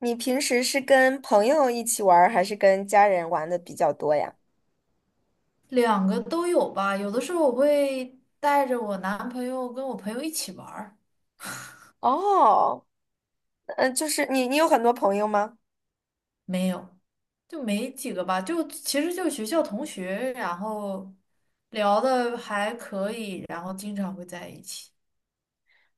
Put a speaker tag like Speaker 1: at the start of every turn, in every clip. Speaker 1: 你平时是跟朋友一起玩儿，还是跟家人玩的比较多呀？
Speaker 2: 两个都有吧，有的时候我会带着我男朋友跟我朋友一起玩儿。
Speaker 1: 哦。就是你有很多朋友吗？
Speaker 2: 没有，就没几个吧，就其实就学校同学，然后聊的还可以，然后经常会在一起。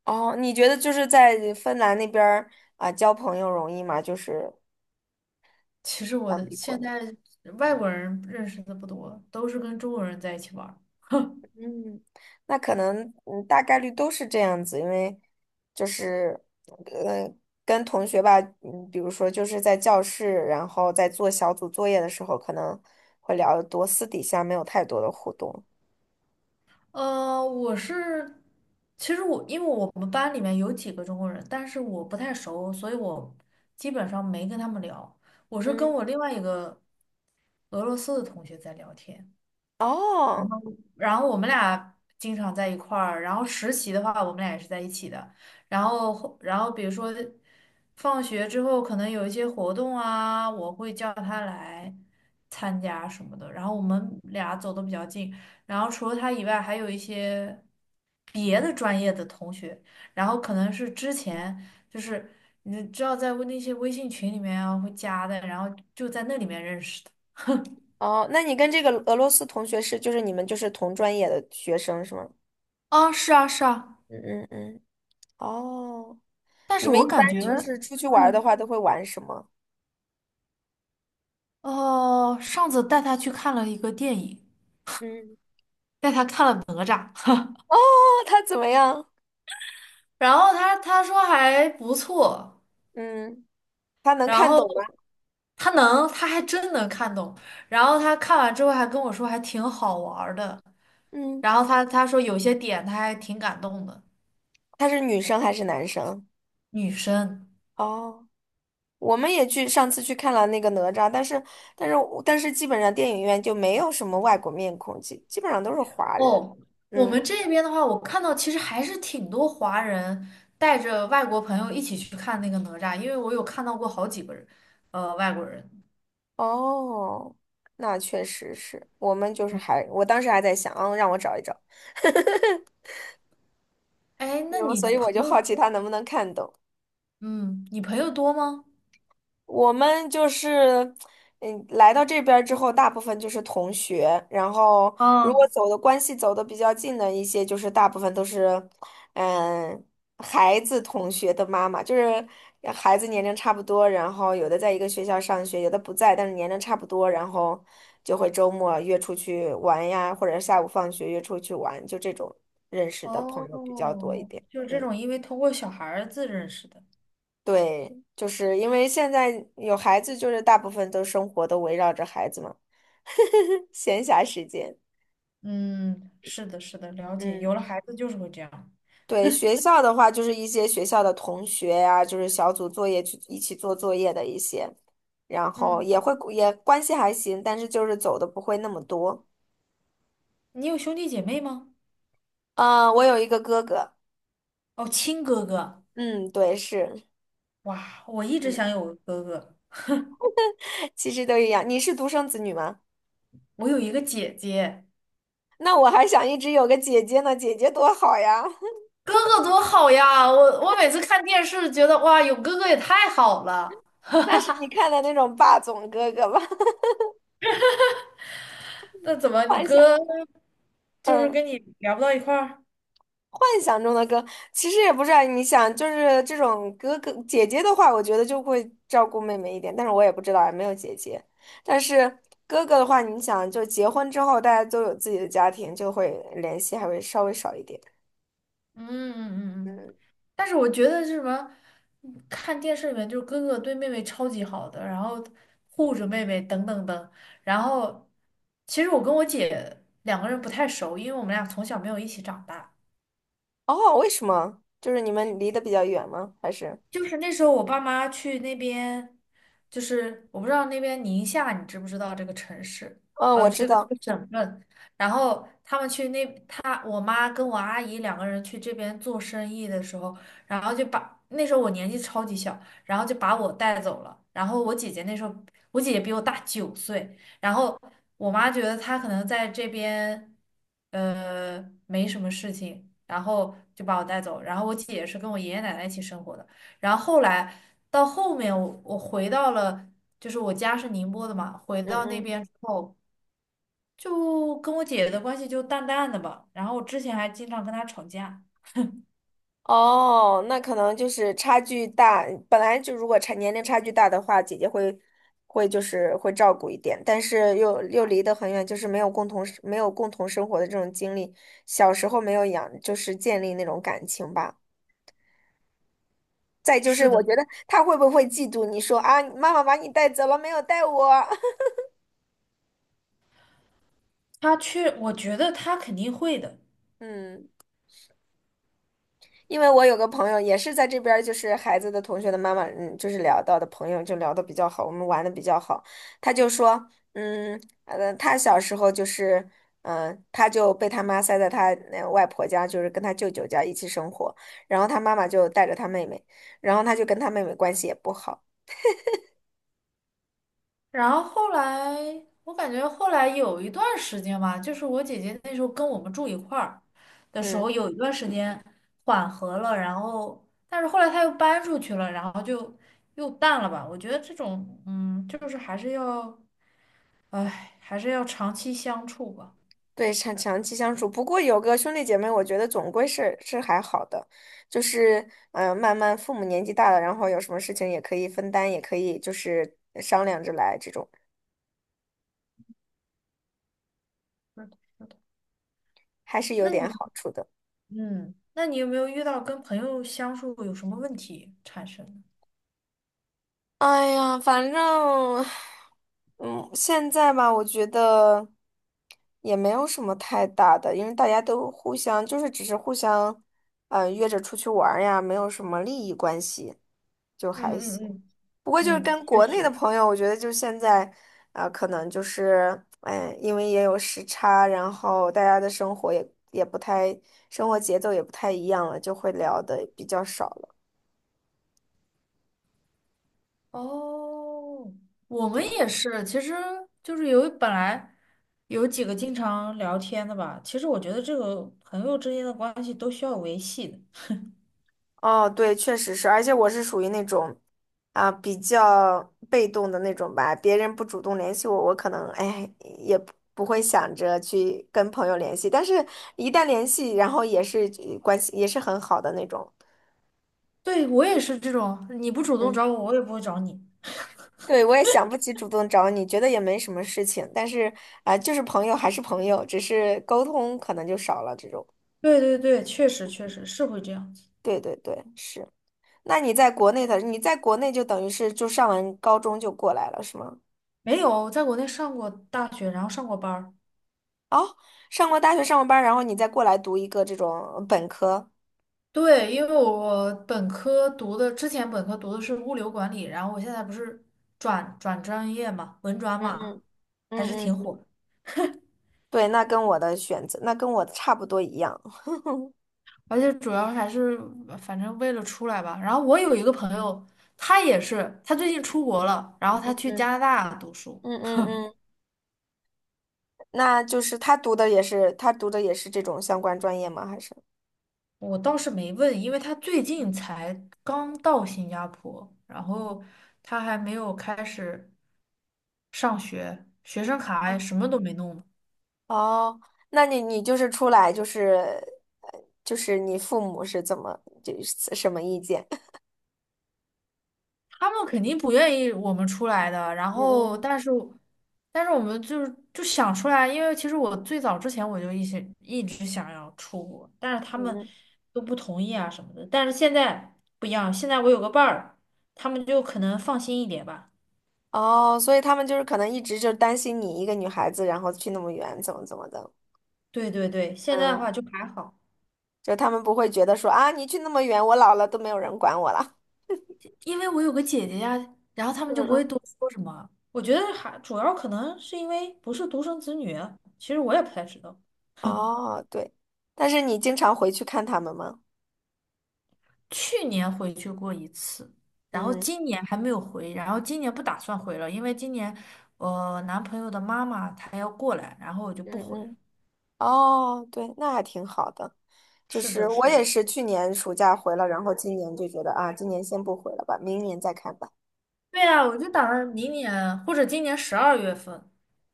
Speaker 1: 哦，你觉得就是在芬兰那边儿，啊，交朋友容易吗？就是
Speaker 2: 其实我
Speaker 1: 相
Speaker 2: 的
Speaker 1: 比国
Speaker 2: 现
Speaker 1: 内，
Speaker 2: 在外国人认识的不多，都是跟中国人在一起玩儿。
Speaker 1: 嗯。那可能大概率都是这样子，因为就是呃跟同学吧，嗯，比如说就是在教室，然后在做小组作业的时候，可能会聊得多，私底下没有太多的互动。
Speaker 2: 我是，其实我因为我们班里面有几个中国人，但是我不太熟，所以我基本上没跟他们聊。我是跟
Speaker 1: 嗯。
Speaker 2: 我另外一个俄罗斯的同学在聊天，
Speaker 1: 哦。
Speaker 2: 然后我们俩经常在一块儿，然后实习的话，我们俩也是在一起的，然后比如说放学之后可能有一些活动啊，我会叫他来参加什么的，然后我们俩走的比较近，然后除了他以外，还有一些别的专业的同学，然后可能是之前就是你知道在那些微信群里面啊会加的，然后就在那里面认识的。
Speaker 1: 哦，那你跟这个俄罗斯同学是，就是你们就是同专业的学生是吗？
Speaker 2: 啊，是啊，是啊。
Speaker 1: 嗯嗯嗯。哦，
Speaker 2: 但
Speaker 1: 你
Speaker 2: 是
Speaker 1: 们
Speaker 2: 我
Speaker 1: 一般
Speaker 2: 感觉，
Speaker 1: 就是出去玩儿的
Speaker 2: 嗯，
Speaker 1: 话都会玩什么？
Speaker 2: 哦，上次带他去看了一个电影，
Speaker 1: 嗯。
Speaker 2: 带他看了哪吒，
Speaker 1: 哦，他怎么样？
Speaker 2: 然后他说还不错，
Speaker 1: 嗯，他能
Speaker 2: 然
Speaker 1: 看
Speaker 2: 后
Speaker 1: 懂吗？
Speaker 2: 他能，他还真能看懂，然后他看完之后还跟我说还挺好玩儿的，
Speaker 1: 嗯，
Speaker 2: 然后他说有些点他还挺感动的。
Speaker 1: 他是女生还是男生？
Speaker 2: 女生。
Speaker 1: 哦，我们也去上次去看了那个哪吒，但是但是基本上电影院就没有什么外国面孔，基本上都是华人。
Speaker 2: 哦，我们
Speaker 1: 嗯。
Speaker 2: 这边的话，我看到其实还是挺多华人带着外国朋友一起去看那个哪吒，因为我有看到过好几个人，外国人。
Speaker 1: 哦，那确实是，我们就是还，我当时还在想，嗯，让我找一找，
Speaker 2: 哎，那
Speaker 1: 然后
Speaker 2: 你
Speaker 1: 所以
Speaker 2: 朋
Speaker 1: 我就好
Speaker 2: 友，
Speaker 1: 奇他能不能看懂。
Speaker 2: 嗯，你朋友多吗？
Speaker 1: 我们就是，嗯，来到这边儿之后，大部分就是同学，然后如果
Speaker 2: 啊，
Speaker 1: 走的比较近的一些，就是大部分都是，嗯，孩子同学的妈妈，就是孩子年龄差不多，然后有的在一个学校上学，有的不在，但是年龄差不多，然后就会周末约出去玩呀，或者下午放学约出去玩，就这种认识的朋
Speaker 2: 哦，
Speaker 1: 友比较多一点。
Speaker 2: 就是这
Speaker 1: 嗯。
Speaker 2: 种，因为通过小孩子认识的。
Speaker 1: 对，就是因为现在有孩子，就是大部分都生活都围绕着孩子嘛，闲暇时间。
Speaker 2: 嗯，是的，是的，了解。
Speaker 1: 嗯，
Speaker 2: 有了孩子就是会这样。
Speaker 1: 对，学校的话，就是一些学校的同学呀、就是小组作业去一起做作业的一些，然后
Speaker 2: 嗯，
Speaker 1: 也会也关系还行，但是就是走的不会那么多。
Speaker 2: 你有兄弟姐妹吗？
Speaker 1: 我有一个哥哥，
Speaker 2: 哦，亲哥哥。
Speaker 1: 嗯，对，是，
Speaker 2: 哇，我一直
Speaker 1: 嗯，
Speaker 2: 想有个哥哥。
Speaker 1: 其实都一样。你是独生子女吗？
Speaker 2: 我有一个姐姐。
Speaker 1: 那我还想一直有个姐姐呢，姐姐多好呀。
Speaker 2: 哥哥多好呀！我每次看电视觉得哇，有哥哥也太好了。
Speaker 1: 那是你看的那种霸总哥哥吧？
Speaker 2: 那怎么你
Speaker 1: 幻想，
Speaker 2: 哥就是
Speaker 1: 嗯，
Speaker 2: 跟你聊不到一块儿？
Speaker 1: 幻想中的歌，其实也不是啊。你想，就是这种哥哥姐姐的话，我觉得就会照顾妹妹一点，但是我也不知道啊，也没有姐姐。但是哥哥的话，你想，就结婚之后，大家都有自己的家庭，就会联系还会稍微少一点。
Speaker 2: 嗯嗯嗯嗯。但是我觉得是什么，看电视里面就是哥哥对妹妹超级好的，然后护着妹妹等等等，然后其实我跟我姐两个人不太熟，因为我们俩从小没有一起长大。
Speaker 1: 哦，为什么？就是你们离得比较远吗？还是？
Speaker 2: 就是那时候我爸妈去那边，就是我不知道那边宁夏，你知不知道这个城市？
Speaker 1: 嗯，
Speaker 2: 啊、
Speaker 1: 我知
Speaker 2: 这个这
Speaker 1: 道。
Speaker 2: 个省份。然后他们去那，他我妈跟我阿姨两个人去这边做生意的时候，然后就把那时候我年纪超级小，然后就把我带走了。然后我姐姐那时候，我姐姐比我大9岁，然后我妈觉得她可能在这边，没什么事情，然后就把我带走。然后我姐也是跟我爷爷奶奶一起生活的。然后后来到后面我，我回到了，就是我家是宁波的嘛，回
Speaker 1: 嗯
Speaker 2: 到那
Speaker 1: 嗯。
Speaker 2: 边之后，就跟我姐姐的关系就淡淡的吧。然后我之前还经常跟她吵架。
Speaker 1: 哦，那可能就是差距大，本来就如果差年龄差距大的话，姐姐会就是会照顾一点，但是又离得很远，就是没有共同生活的这种经历，小时候没有养，就是建立那种感情吧。再就是
Speaker 2: 是的，
Speaker 1: 我觉得他会不会嫉妒你说啊，妈妈把你带走了，没有带我？
Speaker 2: 她去，我觉得她肯定会的。
Speaker 1: 嗯。因为我有个朋友也是在这边儿，就是孩子的同学的妈妈，嗯，就是聊到的朋友就聊的比较好，我们玩的比较好。他就说，嗯，他小时候就是，嗯、他就被他妈塞在他那外婆家，就是跟他舅舅家一起生活，然后他妈妈就带着他妹妹，然后他就跟他妹妹关系也不好，
Speaker 2: 然后后来，我感觉后来有一段时间吧，就是我姐姐那时候跟我们住一块儿的时候，
Speaker 1: 嗯，
Speaker 2: 有一段时间缓和了，然后但是后来她又搬出去了，然后就又淡了吧。我觉得这种，嗯，就是还是要。哎，还是要长期相处吧。
Speaker 1: 对，长期相处，不过有个兄弟姐妹，我觉得总归是还好的，就是嗯、慢慢父母年纪大了，然后有什么事情也可以分担，也可以就是商量着来，这种
Speaker 2: 是的，是的。
Speaker 1: 还是有
Speaker 2: 那你，
Speaker 1: 点好处的。
Speaker 2: 有没有遇到跟朋友相处有什么问题产生的
Speaker 1: 哎呀，反正，嗯，现在吧，我觉得也没有什么太大的，因为大家都互相就是只是互相，嗯、约着出去玩儿呀，没有什么利益关系，就
Speaker 2: 嗯
Speaker 1: 还行。
Speaker 2: 嗯
Speaker 1: 不过就是
Speaker 2: 嗯，嗯，
Speaker 1: 跟
Speaker 2: 确
Speaker 1: 国内的
Speaker 2: 实。
Speaker 1: 朋友，我觉得就现在，啊，可能就是，哎，因为也有时差，然后大家的生活也不太，生活节奏也不太一样了，就会聊的比较少了。
Speaker 2: 哦，我们
Speaker 1: 对。
Speaker 2: 也是，其实就是有本来有几个经常聊天的吧。其实我觉得这个朋友之间的关系都需要维系的。
Speaker 1: 哦，对，确实是，而且我是属于那种，啊，比较被动的那种吧，别人不主动联系我，我可能，哎，也不不会想着去跟朋友联系，但是一旦联系，然后也是关系也是很好的那种。
Speaker 2: 对，我也是这种，你不主动
Speaker 1: 嗯。
Speaker 2: 找我，我也不会找你。
Speaker 1: 对，我也想不起主动找你，觉得也没什么事情，但是啊、就是朋友还是朋友，只是沟通可能就少了这种。
Speaker 2: 对对对，确实确实是会这样子。
Speaker 1: 对对对，是。那你在国内的，你在国内就等于是就上完高中就过来了，是吗？
Speaker 2: 没有，在国内上过大学，然后上过班儿。
Speaker 1: 哦，上过大学，上过班儿然后你再过来读一个这种本科。
Speaker 2: 对，因为我本科读的，之前本科读的是物流管理，然后我现在不是转专业嘛，文转
Speaker 1: 嗯
Speaker 2: 嘛，
Speaker 1: 嗯
Speaker 2: 还是
Speaker 1: 嗯
Speaker 2: 挺
Speaker 1: 嗯，
Speaker 2: 火的。
Speaker 1: 对，那跟我的选择，那跟我的差不多一样。
Speaker 2: 而且主要还是反正为了出来吧。然后我有一个朋友，他也是，他最近出国了，然后
Speaker 1: 嗯
Speaker 2: 他去
Speaker 1: 嗯
Speaker 2: 加拿大读书。
Speaker 1: 嗯嗯嗯，那就是他读的也是，他读的也是这种相关专业吗？还是？
Speaker 2: 我倒是没问，因为他最近才刚到新加坡，然后他还没有开始上学，学生卡什么都没弄。
Speaker 1: 哦，那你你就是出来就是就是你父母是怎么就是什么意见？
Speaker 2: 他们肯定不愿意我们出来的，然
Speaker 1: 嗯
Speaker 2: 后
Speaker 1: 嗯
Speaker 2: 但是，但是我们就是就想出来，因为其实我最早之前我就一直想要出国，但是他
Speaker 1: 嗯
Speaker 2: 们
Speaker 1: 嗯。
Speaker 2: 都不同意啊什么的。但是现在不一样，现在我有个伴儿，他们就可能放心一点吧。
Speaker 1: 哦，所以他们就是可能一直就担心你一个女孩子，然后去那么远，怎么怎么的。
Speaker 2: 对对对，现在的
Speaker 1: 嗯，
Speaker 2: 话就还好，
Speaker 1: 就他们不会觉得说啊，你去那么远，我老了都没有人管我了。
Speaker 2: 因为我有个姐姐呀，然后他
Speaker 1: 嗯
Speaker 2: 们就不会
Speaker 1: 嗯。
Speaker 2: 多说什么。我觉得还主要可能是因为不是独生子女啊，其实我也不太知道。
Speaker 1: 哦，对，但是你经常回去看他们吗？
Speaker 2: 去年回去过一次，然后
Speaker 1: 嗯
Speaker 2: 今年还没有回，然后今年不打算回了，因为今年我男朋友的妈妈她要过来，然后我就不
Speaker 1: 嗯
Speaker 2: 回了。
Speaker 1: 嗯。哦，对，那还挺好的。就
Speaker 2: 是
Speaker 1: 是
Speaker 2: 的，
Speaker 1: 我
Speaker 2: 是
Speaker 1: 也
Speaker 2: 的，
Speaker 1: 是去年暑假回了，然后今年就觉得啊，今年先不回了吧，明年再看吧。
Speaker 2: 对呀，我就打算明年或者今年12月份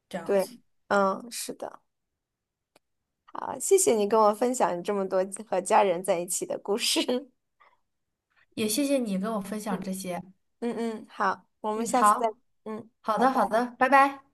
Speaker 2: 这样
Speaker 1: 对，
Speaker 2: 子。
Speaker 1: 嗯，是的，好，谢谢你跟我分享你这么多和家人在一起的故事。
Speaker 2: 也谢谢你跟我分享
Speaker 1: 嗯
Speaker 2: 这些。
Speaker 1: 嗯嗯，好，我们
Speaker 2: 嗯，
Speaker 1: 下次再，
Speaker 2: 好，
Speaker 1: 嗯，
Speaker 2: 好
Speaker 1: 拜
Speaker 2: 的，好
Speaker 1: 拜。
Speaker 2: 的，拜拜。